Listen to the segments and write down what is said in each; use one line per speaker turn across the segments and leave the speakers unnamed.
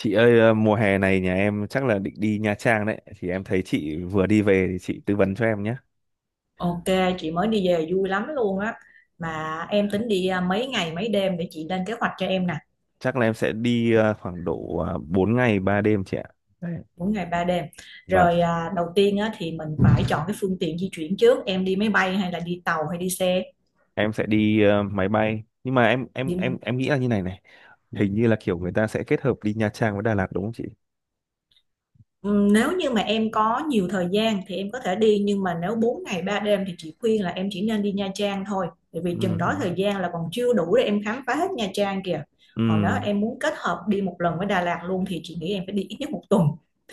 Chị ơi, mùa hè này nhà em chắc là định đi Nha Trang đấy. Thì em thấy chị vừa đi về thì chị tư vấn cho em nhé.
Ok, chị mới đi về vui lắm luôn á. Mà em tính đi à, mấy ngày mấy đêm để chị lên kế hoạch cho em nè,
Chắc là em sẽ đi khoảng độ 4 ngày 3 đêm chị ạ. Đấy.
mỗi ngày 3 đêm.
Và
Rồi à, đầu tiên á, thì mình phải chọn cái phương tiện di chuyển trước, em đi máy bay hay là đi tàu hay đi xe?
em sẽ đi máy bay. Nhưng mà em em
Đi
em em nghĩ là như này này, hình như là kiểu người ta sẽ kết hợp đi Nha Trang với Đà Lạt đúng không chị?
Nếu như mà em có nhiều thời gian thì em có thể đi, nhưng mà nếu 4 ngày 3 đêm thì chị khuyên là em chỉ nên đi Nha Trang thôi, bởi vì
Ừ.
chừng đó thời gian là còn chưa đủ để em khám phá hết Nha Trang kìa.
Ừ.
Còn nếu em muốn kết hợp đi một lần với Đà Lạt luôn thì chị nghĩ em phải đi ít nhất một tuần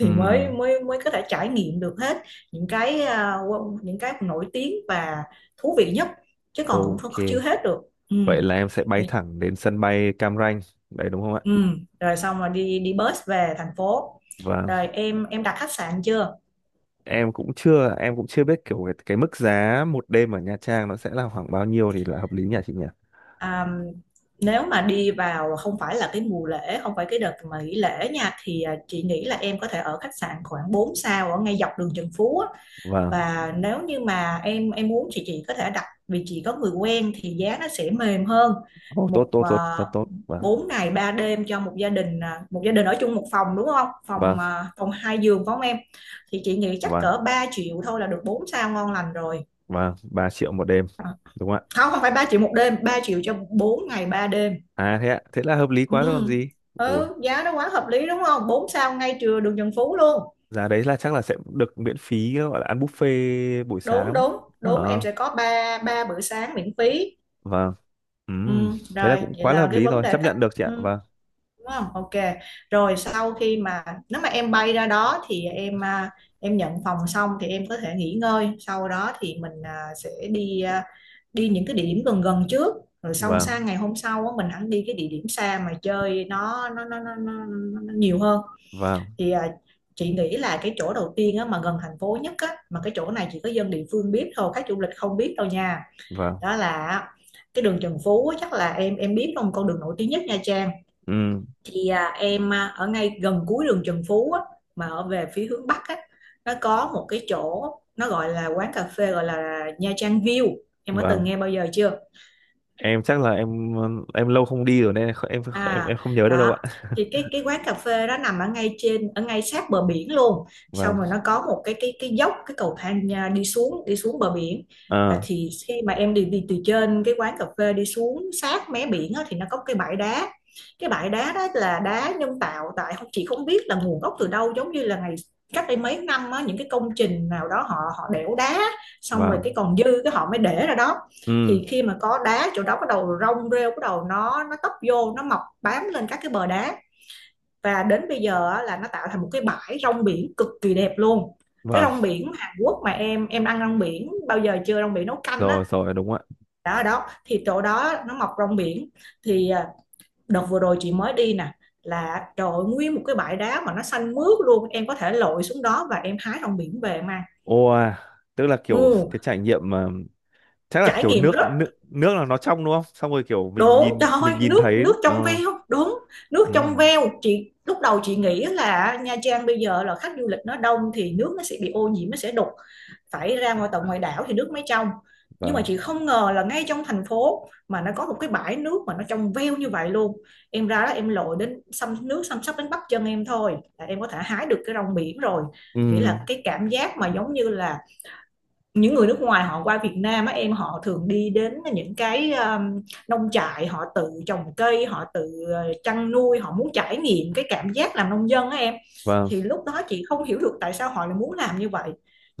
Ừ.
mới mới mới có thể trải nghiệm được hết những cái những cái nổi tiếng và thú vị nhất. Chứ còn cũng
Ok.
chưa hết được.
Vậy
Ừm,
là em sẽ bay
để-
thẳng đến sân bay Cam Ranh. Đấy đúng không ạ?
Rồi xong rồi đi đi bus về thành phố.
Vâng.
Rồi em đặt khách sạn chưa?
Em cũng chưa biết kiểu cái mức giá 1 đêm ở Nha Trang nó sẽ là khoảng bao nhiêu thì là hợp lý nhỉ chị nhỉ.
À, nếu mà đi vào không phải là cái mùa lễ, không phải cái đợt mà nghỉ lễ nha, thì à, chị nghĩ là em có thể ở khách sạn khoảng 4 sao ở ngay dọc đường Trần Phú á.
Vâng.
Và nếu như mà em muốn thì chị có thể đặt, vì chị có người quen thì giá nó sẽ mềm hơn.
Oh, tốt
Một
tốt
à,
tốt, rất tốt. Vâng.
4 ngày 3 đêm cho một gia đình ở chung một phòng đúng không?
Vâng.
Phòng hai giường phải không em? Thì chị nghĩ chắc
Vâng.
cỡ 3 triệu thôi là được 4 sao ngon lành rồi.
Vâng, 3 triệu 1 đêm
À,
đúng không ạ?
không, không phải 3 triệu 1 đêm, 3 triệu cho 4 ngày 3 đêm.
À thế ạ, thế là hợp lý quá rồi còn
Ừ.
gì. Ôi,
Ừ, giá nó quá hợp lý đúng không, 4 sao ngay trưa đường Trần Phú luôn.
giá đấy là chắc là sẽ được miễn phí, gọi là ăn buffet buổi
Đúng
sáng.
đúng đúng, em
Ờ.
sẽ có ba ba bữa sáng miễn phí.
Vâng. Ừm,
Ừ,
thế là
rồi
cũng
vậy
quá là
là
hợp
cái
lý
vấn
rồi,
đề
chấp
khách.
nhận được chị ạ.
Ừ,
Vâng.
đúng không, ok. Rồi sau khi mà nếu mà em bay ra đó thì em nhận phòng xong thì em có thể nghỉ ngơi, sau đó thì sẽ đi những cái địa điểm gần gần trước, rồi xong sang
Vâng.
ngày hôm sau á, mình hẳn đi cái địa điểm xa mà chơi nó nhiều hơn.
Vâng.
Thì à, chị nghĩ là cái chỗ đầu tiên á, mà gần thành phố nhất á, mà cái chỗ này chỉ có dân địa phương biết thôi, khách du lịch không biết đâu nha.
Vâng.
Đó là cái đường Trần Phú á, chắc là em biết không, con đường nổi tiếng nhất Nha Trang.
Ừm.
Thì à, em à, ở ngay gần cuối đường Trần Phú á, mà ở về phía hướng Bắc á, nó có một cái chỗ, nó gọi là quán cà phê gọi là Nha Trang View. Em có từng
Vâng,
nghe bao giờ chưa?
em chắc là em lâu không đi rồi nên em em
À,
em không nhớ được đâu
đó.
ạ.
Thì cái quán cà phê đó nằm ở ngay trên, ở ngay sát bờ biển luôn. Xong
Vâng.
rồi nó có một cái dốc, cái cầu thang à, đi xuống, đi xuống bờ biển. Là
À.
thì khi mà em đi đi từ trên cái quán cà phê đi xuống sát mé biển á, thì nó có cái bãi đá. Cái bãi đá đó là đá nhân tạo, tại không, chị không biết là nguồn gốc từ đâu, giống như là ngày cách đây mấy năm á, những cái công trình nào đó họ họ đẽo đá, xong rồi
Vâng.
cái còn dư cái họ mới để ra đó.
Ừ.
Thì khi mà có đá, chỗ đó bắt đầu rong rêu, bắt đầu nó tấp vô, nó mọc bám lên các cái bờ đá. Và đến bây giờ á, là nó tạo thành một cái bãi rong biển cực kỳ đẹp luôn. Cái
Vâng.
rong biển Hàn Quốc mà em ăn rong biển bao giờ chưa, rong biển nấu canh á.
Rồi rồi, đúng ạ.
Đó, ở đó thì chỗ đó nó mọc rong biển. Thì à, đợt vừa rồi chị mới đi nè, là trời ơi, nguyên một cái bãi đá mà nó xanh mướt luôn, em có thể lội xuống đó và em hái rong biển về mà.
Ô. Tức là kiểu
Ừ,
cái trải nghiệm mà chắc là
trải
kiểu
nghiệm
nước
rất
nước nước là nó trong đúng không, xong rồi kiểu mình
đúng, trời
nhìn
ơi,
mình nhìn
nước
thấy
nước trong veo, đúng, nước
ừ.
trong veo. Chị lúc đầu chị nghĩ là Nha Trang bây giờ là khách du lịch nó đông thì nước nó sẽ bị ô nhiễm, nó sẽ đục, phải ra ngoài tận ngoài đảo thì nước mới trong. Nhưng mà
Vâng.
chị không ngờ là ngay trong thành phố mà nó có một cái bãi nước mà nó trong veo như vậy luôn. Em ra đó em lội đến xăm nước, xăm sắp đến bắp chân em thôi là em có thể hái được cái rong biển rồi. Nghĩa
Ừ.
là cái cảm giác mà giống như là những người nước ngoài họ qua Việt Nam á em, họ thường đi đến những cái nông trại, họ tự trồng cây, họ tự chăn nuôi, họ muốn trải nghiệm cái cảm giác làm nông dân á em.
Vâng.
Thì lúc đó chị không hiểu được tại sao họ lại muốn làm như vậy.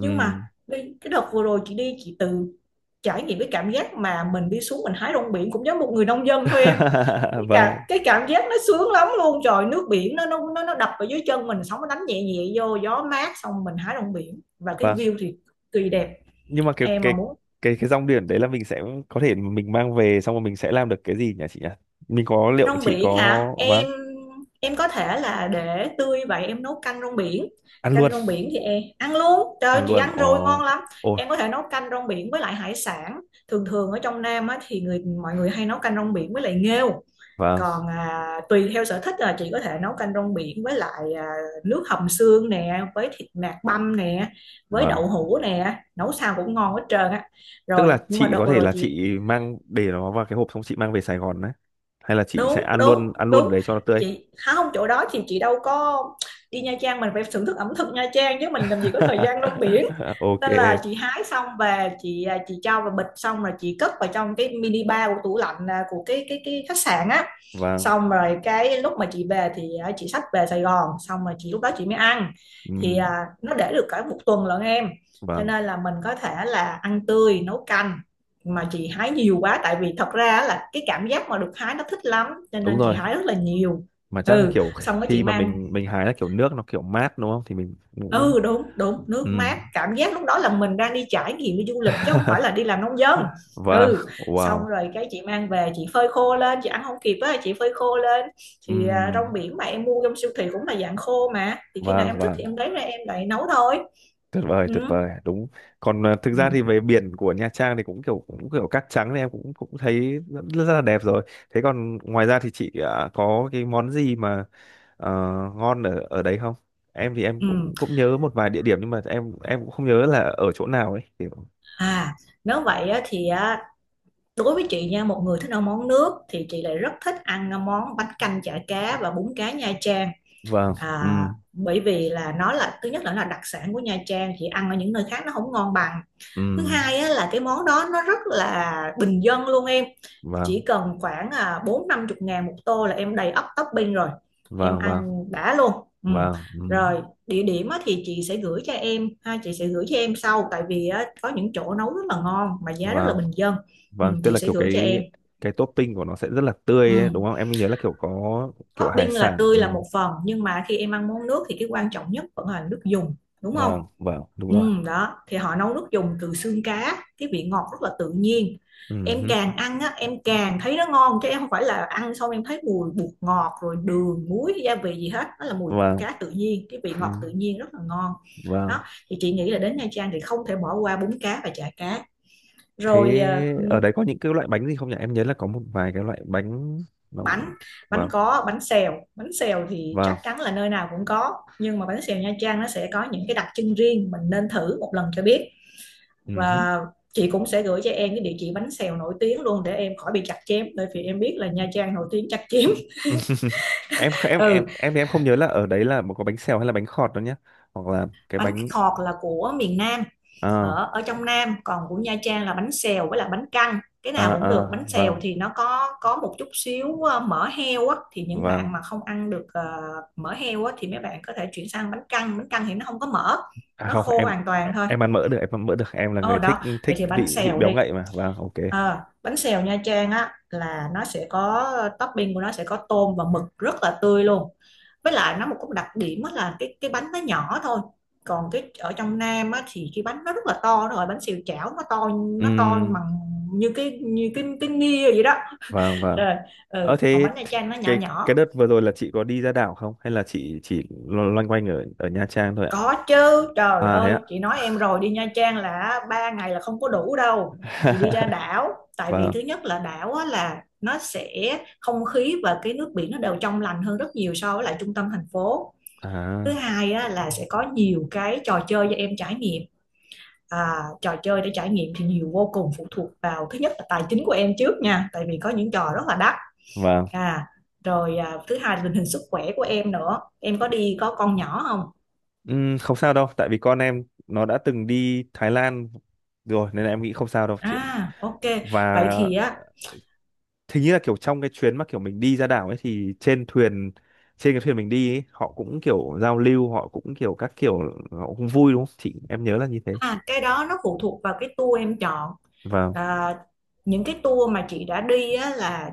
Nhưng mà cái đợt vừa rồi chị đi, chị tự trải nghiệm cái cảm giác mà mình đi xuống, mình hái rong biển, cũng giống một người nông dân thôi em. cái,
Vâng.
cả, cái cảm giác nó sướng lắm luôn, trời, nước biển nó đập vào dưới chân mình, sóng nó đánh nhẹ nhẹ vô, gió mát, xong mình hái rong biển và cái
Vâng.
view thì kỳ đẹp.
Nhưng mà cái
Em mà
cái
muốn
cái cái rong biển đấy là mình sẽ có thể mình mang về xong rồi mình sẽ làm được cái gì nhỉ chị nhỉ, mình có, liệu
rong
chị
biển
có.
hả?
Vâng.
Em có thể là để tươi vậy em nấu canh rong biển.
Ăn
Canh
luôn.
rong biển thì em ăn luôn. Trời ơi,
Ăn
chị
luôn,
ăn rồi
ồ.
ngon lắm.
Ồ.
Em có thể nấu canh rong biển với lại hải sản. Thường thường ở trong Nam á, thì người mọi người hay nấu canh rong biển với lại nghêu.
Vâng.
Còn à, tùy theo sở thích là chị có thể nấu canh rong biển với lại à, nước hầm xương nè, với thịt nạc băm nè, với đậu
Vâng,
hũ nè, nấu sao cũng ngon hết trơn á.
tức
Rồi
là
nhưng mà
chị
đợt
có
vừa
thể
rồi
là
chị,
chị mang để nó vào cái hộp xong chị mang về Sài Gòn đấy, hay là chị sẽ
đúng
ăn
đúng
luôn, ăn luôn ở
đúng,
đấy cho nó tươi.
chị hả, không, chỗ đó thì chị đâu có, đi Nha Trang mình phải thưởng thức ẩm thực Nha Trang chứ, mình làm gì có thời gian rong biển.
Ok.
Nên là chị hái xong về chị à, chị cho vào bịch xong rồi chị cất vào trong cái mini bar của tủ lạnh à, của cái cái khách sạn á.
Vâng.
Xong rồi cái lúc mà chị về thì à, chị xách về Sài Gòn, xong rồi chị, lúc đó chị mới ăn. Thì
Ừm.
à, nó để được cả một tuần lận em. Cho
Vâng,
nên là mình có thể là ăn tươi nấu canh. Mà chị hái nhiều quá, tại vì thật ra là cái cảm giác mà được hái nó thích lắm, cho
đúng
nên chị
rồi.
hái rất là nhiều.
Mà chắc là
Ừ,
kiểu
xong cái chị
khi mà
mang.
mình hái là kiểu nước nó kiểu mát đúng không thì mình cũng.
Ừ, đúng đúng, nước mát,
Ừm.
cảm giác lúc đó là mình đang đi trải nghiệm đi du lịch chứ không phải là đi làm nông dân.
Vâng.
Ừ, xong
Wow.
rồi cái chị mang về chị phơi khô lên, chị ăn không kịp á, chị phơi khô lên. Thì à,
Ừm.
rong biển mà em mua trong siêu thị cũng là dạng khô mà, thì khi nào
Vâng.
em thích thì
Vâng,
em lấy ra em lại nấu thôi.
tuyệt vời,
Ừ.
tuyệt vời, đúng. Còn thực ra
Ừ.
thì về biển của Nha Trang thì cũng kiểu, cũng kiểu cát trắng thì em cũng cũng thấy rất, rất là đẹp rồi. Thế còn ngoài ra thì chị có cái món gì mà ờ, ngon ở ở đấy không? Em thì em
Ừ.
cũng cũng nhớ một vài địa điểm nhưng mà em cũng không nhớ là ở chỗ nào ấy kiểu.
À, nếu vậy á, thì á, đối với chị nha, một người thích ăn món nước thì chị lại rất thích ăn món bánh canh chả cá và bún cá Nha Trang.
Vâng. Ừ.
À, bởi vì là nó là, thứ nhất là nó là đặc sản của Nha Trang, chị ăn ở những nơi khác nó không ngon bằng.
Ừ.
Thứ hai á, là cái món đó nó rất là bình dân luôn em.
Vâng.
Chỉ cần khoảng à, 40-50 ngàn một tô là em đầy ắp topping rồi. Em
Vâng. Vâng.
ăn đã luôn. Ừ.
Vâng. Ừ.
Rồi địa điểm á, thì chị sẽ gửi cho em ha, chị sẽ gửi cho em sau, tại vì á, có những chỗ nấu rất là ngon mà giá rất là
Vâng.
bình dân. Ừ,
Vâng, tức
chị
là
sẽ
kiểu
gửi cho
cái
em.
cái topping của nó sẽ rất là
Ừ.
tươi ấy, đúng không, em nhớ là kiểu có kiểu hải
Topping là
sản, ừ.
tươi là một phần nhưng mà khi em ăn món nước thì cái quan trọng nhất vẫn là nước dùng đúng không?
Vâng. Vâng, đúng rồi.
Ừ, đó thì họ nấu nước dùng từ xương cá, cái vị ngọt rất là tự nhiên.
Ừ
Em
hứ.
càng ăn á em càng thấy nó ngon, chứ em không phải là ăn xong em thấy mùi bột ngọt rồi đường muối gia vị gì hết. Nó là mùi
Vâng.
cá tự nhiên, cái vị
Ừ.
ngọt tự nhiên rất là ngon.
Vâng.
Đó thì chị nghĩ là đến Nha Trang thì không thể bỏ qua bún cá và chả cá rồi. Ờ,
Thế ở đấy có những cái loại bánh gì không nhỉ? Em nhớ là có một vài cái loại bánh nó cũng-
bánh bánh
Vâng.
có bánh xèo. Bánh xèo thì chắc
Vâng.
chắn là nơi nào cũng có, nhưng mà bánh xèo Nha Trang nó sẽ có những cái đặc trưng riêng, mình nên thử một lần cho biết.
Ừ hứ.
Và chị cũng sẽ gửi cho em cái địa chỉ bánh xèo nổi tiếng luôn để em khỏi bị chặt chém, bởi vì em biết là Nha Trang nổi tiếng chặt chém.
Em kh- em em
Ừ,
em thì em không nhớ là ở đấy là có bánh xèo hay là bánh khọt đâu nhá? Hoặc là cái
bánh
bánh.
khọt là của miền Nam,
à
ở ở trong Nam, còn của Nha Trang là bánh xèo với là bánh căn, cái nào cũng được.
À.
Bánh xèo
Vâng.
thì nó có một chút xíu mỡ heo á, thì những
Vâng.
bạn mà không ăn được mỡ heo á thì mấy bạn có thể chuyển sang bánh căn. Bánh căn thì nó không có mỡ,
À
nó
không,
khô
em
hoàn toàn
em
thôi.
em ăn mỡ được, em ăn mỡ được. Em là
Ờ
người thích
Đó, vậy
thích
thì bánh
vị vị
xèo
béo
đi.
ngậy mà. Vâng, ok.
Bánh xèo Nha Trang á là nó sẽ có topping của nó sẽ có tôm và mực rất là tươi luôn. Với lại nó một cái đặc điểm á là cái bánh nó nhỏ thôi, còn cái ở trong Nam á thì cái bánh nó rất là to. Rồi bánh xèo chảo nó to,
Ừ.
nó to bằng như cái nia vậy đó.
Vâng. Vâng.
Rồi
Ờ
ừ, còn
thế
bánh Nha Trang nó nhỏ
cái
nhỏ.
đợt vừa rồi là chị có đi ra đảo không hay là chị chỉ lo- loanh quanh ở ở Nha Trang thôi ạ?
Có chứ, trời
À thế
ơi,
ạ.
chị nói em rồi đi Nha Trang là 3 ngày là không có đủ đâu. Chị đi ra đảo, tại vì
Vâng.
thứ nhất là đảo á, là nó sẽ không khí và cái nước biển nó đều trong lành hơn rất nhiều so với lại trung tâm thành phố. Thứ
À.
hai á, là sẽ có nhiều cái trò chơi cho em trải nghiệm. À, trò chơi để trải nghiệm thì nhiều vô cùng, phụ thuộc vào thứ nhất là tài chính của em trước nha, tại vì có những trò rất là đắt.
Vâng.
À, rồi à, thứ hai là tình hình sức khỏe của em nữa. Em có có con nhỏ không?
Không sao đâu, tại vì con em nó đã từng đi Thái Lan rồi nên là em nghĩ không sao đâu chị.
À, ok.
Và
Vậy thì á.
hình như là kiểu trong cái chuyến mà kiểu mình đi ra đảo ấy thì trên thuyền, trên cái thuyền mình đi ấy, họ cũng kiểu giao lưu, họ cũng kiểu các kiểu, họ cũng vui đúng không? Chị, em nhớ là như thế.
À, cái đó nó phụ thuộc vào cái tour em chọn.
Vâng.
À, những cái tour mà chị đã đi á, là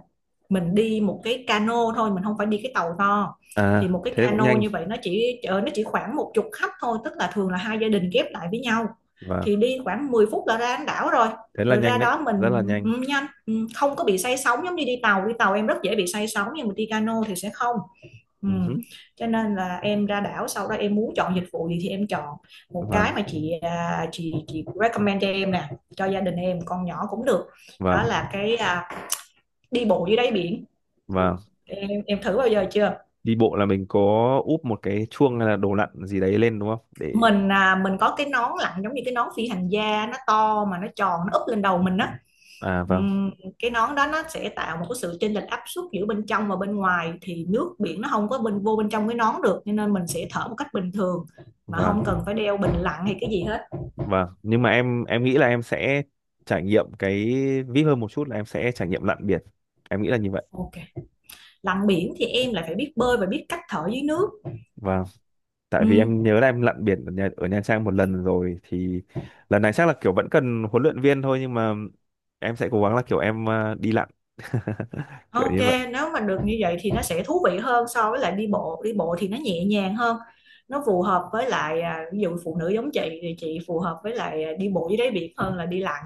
mình đi một cái cano thôi, mình không phải đi cái tàu to.
À
Thì một cái
thế cũng
cano
nhanh.
như vậy nó chỉ khoảng một chục khách thôi, tức là thường là hai gia đình ghép lại với nhau.
Vâng.
Thì đi khoảng 10 phút là ra đến đảo rồi.
Thế là
Rồi ra
nhanh đấy,
đó mình
rất là
ừ,
nhanh.
nhanh, ừ, không có bị say sóng giống như đi tàu. Đi tàu em rất dễ bị say sóng nhưng mà đi cano thì sẽ không. Ừ.
Ừ hứ.
Cho nên là em ra đảo sau đó em muốn chọn dịch vụ gì thì em chọn một cái
Vâng.
mà chị à, chị chị recommend cho em nè, cho gia đình em con nhỏ cũng được. Đó
Vâng.
là cái à, đi bộ dưới đáy biển.
Vâng.
Em thử bao giờ chưa?
Đi bộ là mình có úp một cái chuông hay là đồ lặn gì đấy lên đúng không để.
Mình có cái nón lặn giống như cái nón phi hành gia nó to mà nó tròn nó úp lên đầu mình á.
À vâng.
Ừm, cái nón đó nó sẽ tạo một cái sự chênh lệch áp suất giữa bên trong và bên ngoài, thì nước biển nó không có bên vô bên trong cái nón được, cho nên mình sẽ thở một cách bình thường mà không
Vâng.
cần phải đeo bình lặn hay cái gì hết.
Vâng. Nhưng mà em nghĩ là em sẽ trải nghiệm cái vip hơn một chút là em sẽ trải nghiệm lặn biển, em nghĩ là như vậy.
Ok, lặn biển thì em lại phải biết bơi và biết cách thở dưới nước.
Vâng. Tại vì em
Ừ.
nhớ là em lặn biển ở Nha Trang một lần rồi thì lần này chắc là kiểu vẫn cần huấn luyện viên thôi nhưng mà em sẽ cố gắng là kiểu em đi lặn kiểu
Ok,
như vậy.
nếu mà được như vậy thì nó sẽ thú vị hơn so với lại đi bộ. Đi bộ thì nó nhẹ nhàng hơn, nó phù hợp với lại à, ví dụ phụ nữ giống chị thì chị phù hợp với lại à, đi bộ dưới đáy biển hơn là đi lặn.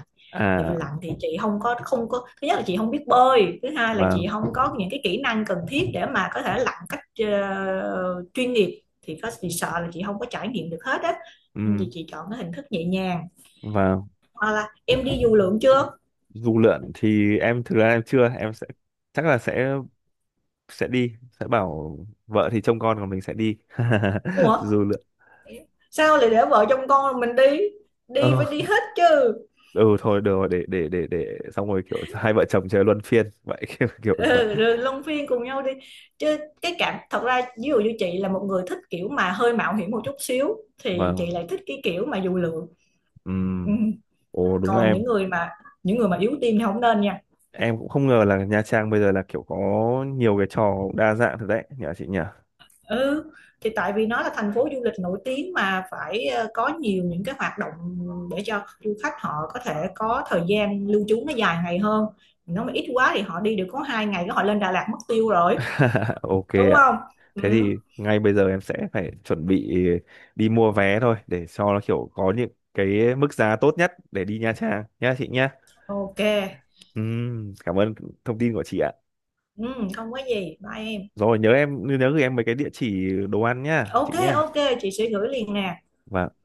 Tại vì
À.
lặn thì chị không có thứ nhất là chị không biết bơi, thứ hai là chị
Vâng.
không có những cái kỹ năng cần thiết để mà có thể lặn cách chuyên nghiệp thì có chị sợ là chị không có trải nghiệm được hết á. Nên thì
Ừ.
chị chọn cái hình thức nhẹ nhàng,
Vâng.
hoặc là em đi dù lượn chưa?
Du lượn thì em thực ra em chưa, em sẽ chắc là sẽ bảo vợ thì trông con còn mình sẽ đi
Ủa,
du lượn.
sao lại để vợ chồng con mình đi, đi
ờ,
phải đi hết chứ.
ừ thôi được rồi để xong rồi kiểu hai vợ chồng chơi luân phiên vậy, kiểu, kiểu vậy.
Ừ, rồi luân phiên cùng nhau đi chứ. Cái cảm thật ra ví dụ như chị là một người thích kiểu mà hơi mạo hiểm một chút xíu thì chị
Vâng.
lại thích cái kiểu mà dù lượn. Ừ.
Ừm. Ồ đúng là
Còn
em
những người mà yếu tim thì không nên nha.
em cũng không ngờ là Nha Trang bây giờ là kiểu có nhiều cái trò đa dạng thật đấy nhờ chị nhỉ.
Ừ, thì tại vì nó là thành phố du lịch nổi tiếng mà phải có nhiều những cái hoạt động để cho du khách họ có thể có thời gian lưu trú nó dài ngày hơn. Nó mà ít quá thì họ đi được có 2 ngày cái họ lên Đà Lạt mất tiêu rồi.
Ok
Đúng
ạ.
không? Ừ,
Thế thì ngay bây giờ em sẽ phải chuẩn bị đi mua vé thôi để cho nó kiểu có những cái mức giá tốt nhất để đi Nha Trang nhá chị nhá.
ok.
Cảm ơn thông tin của chị ạ.
Ừ, không có gì. Bye em.
Rồi nhớ, em nhớ gửi em mấy cái địa chỉ đồ ăn nhá chị
Ok
nhá.
ok, chị sẽ gửi liền nè.
Và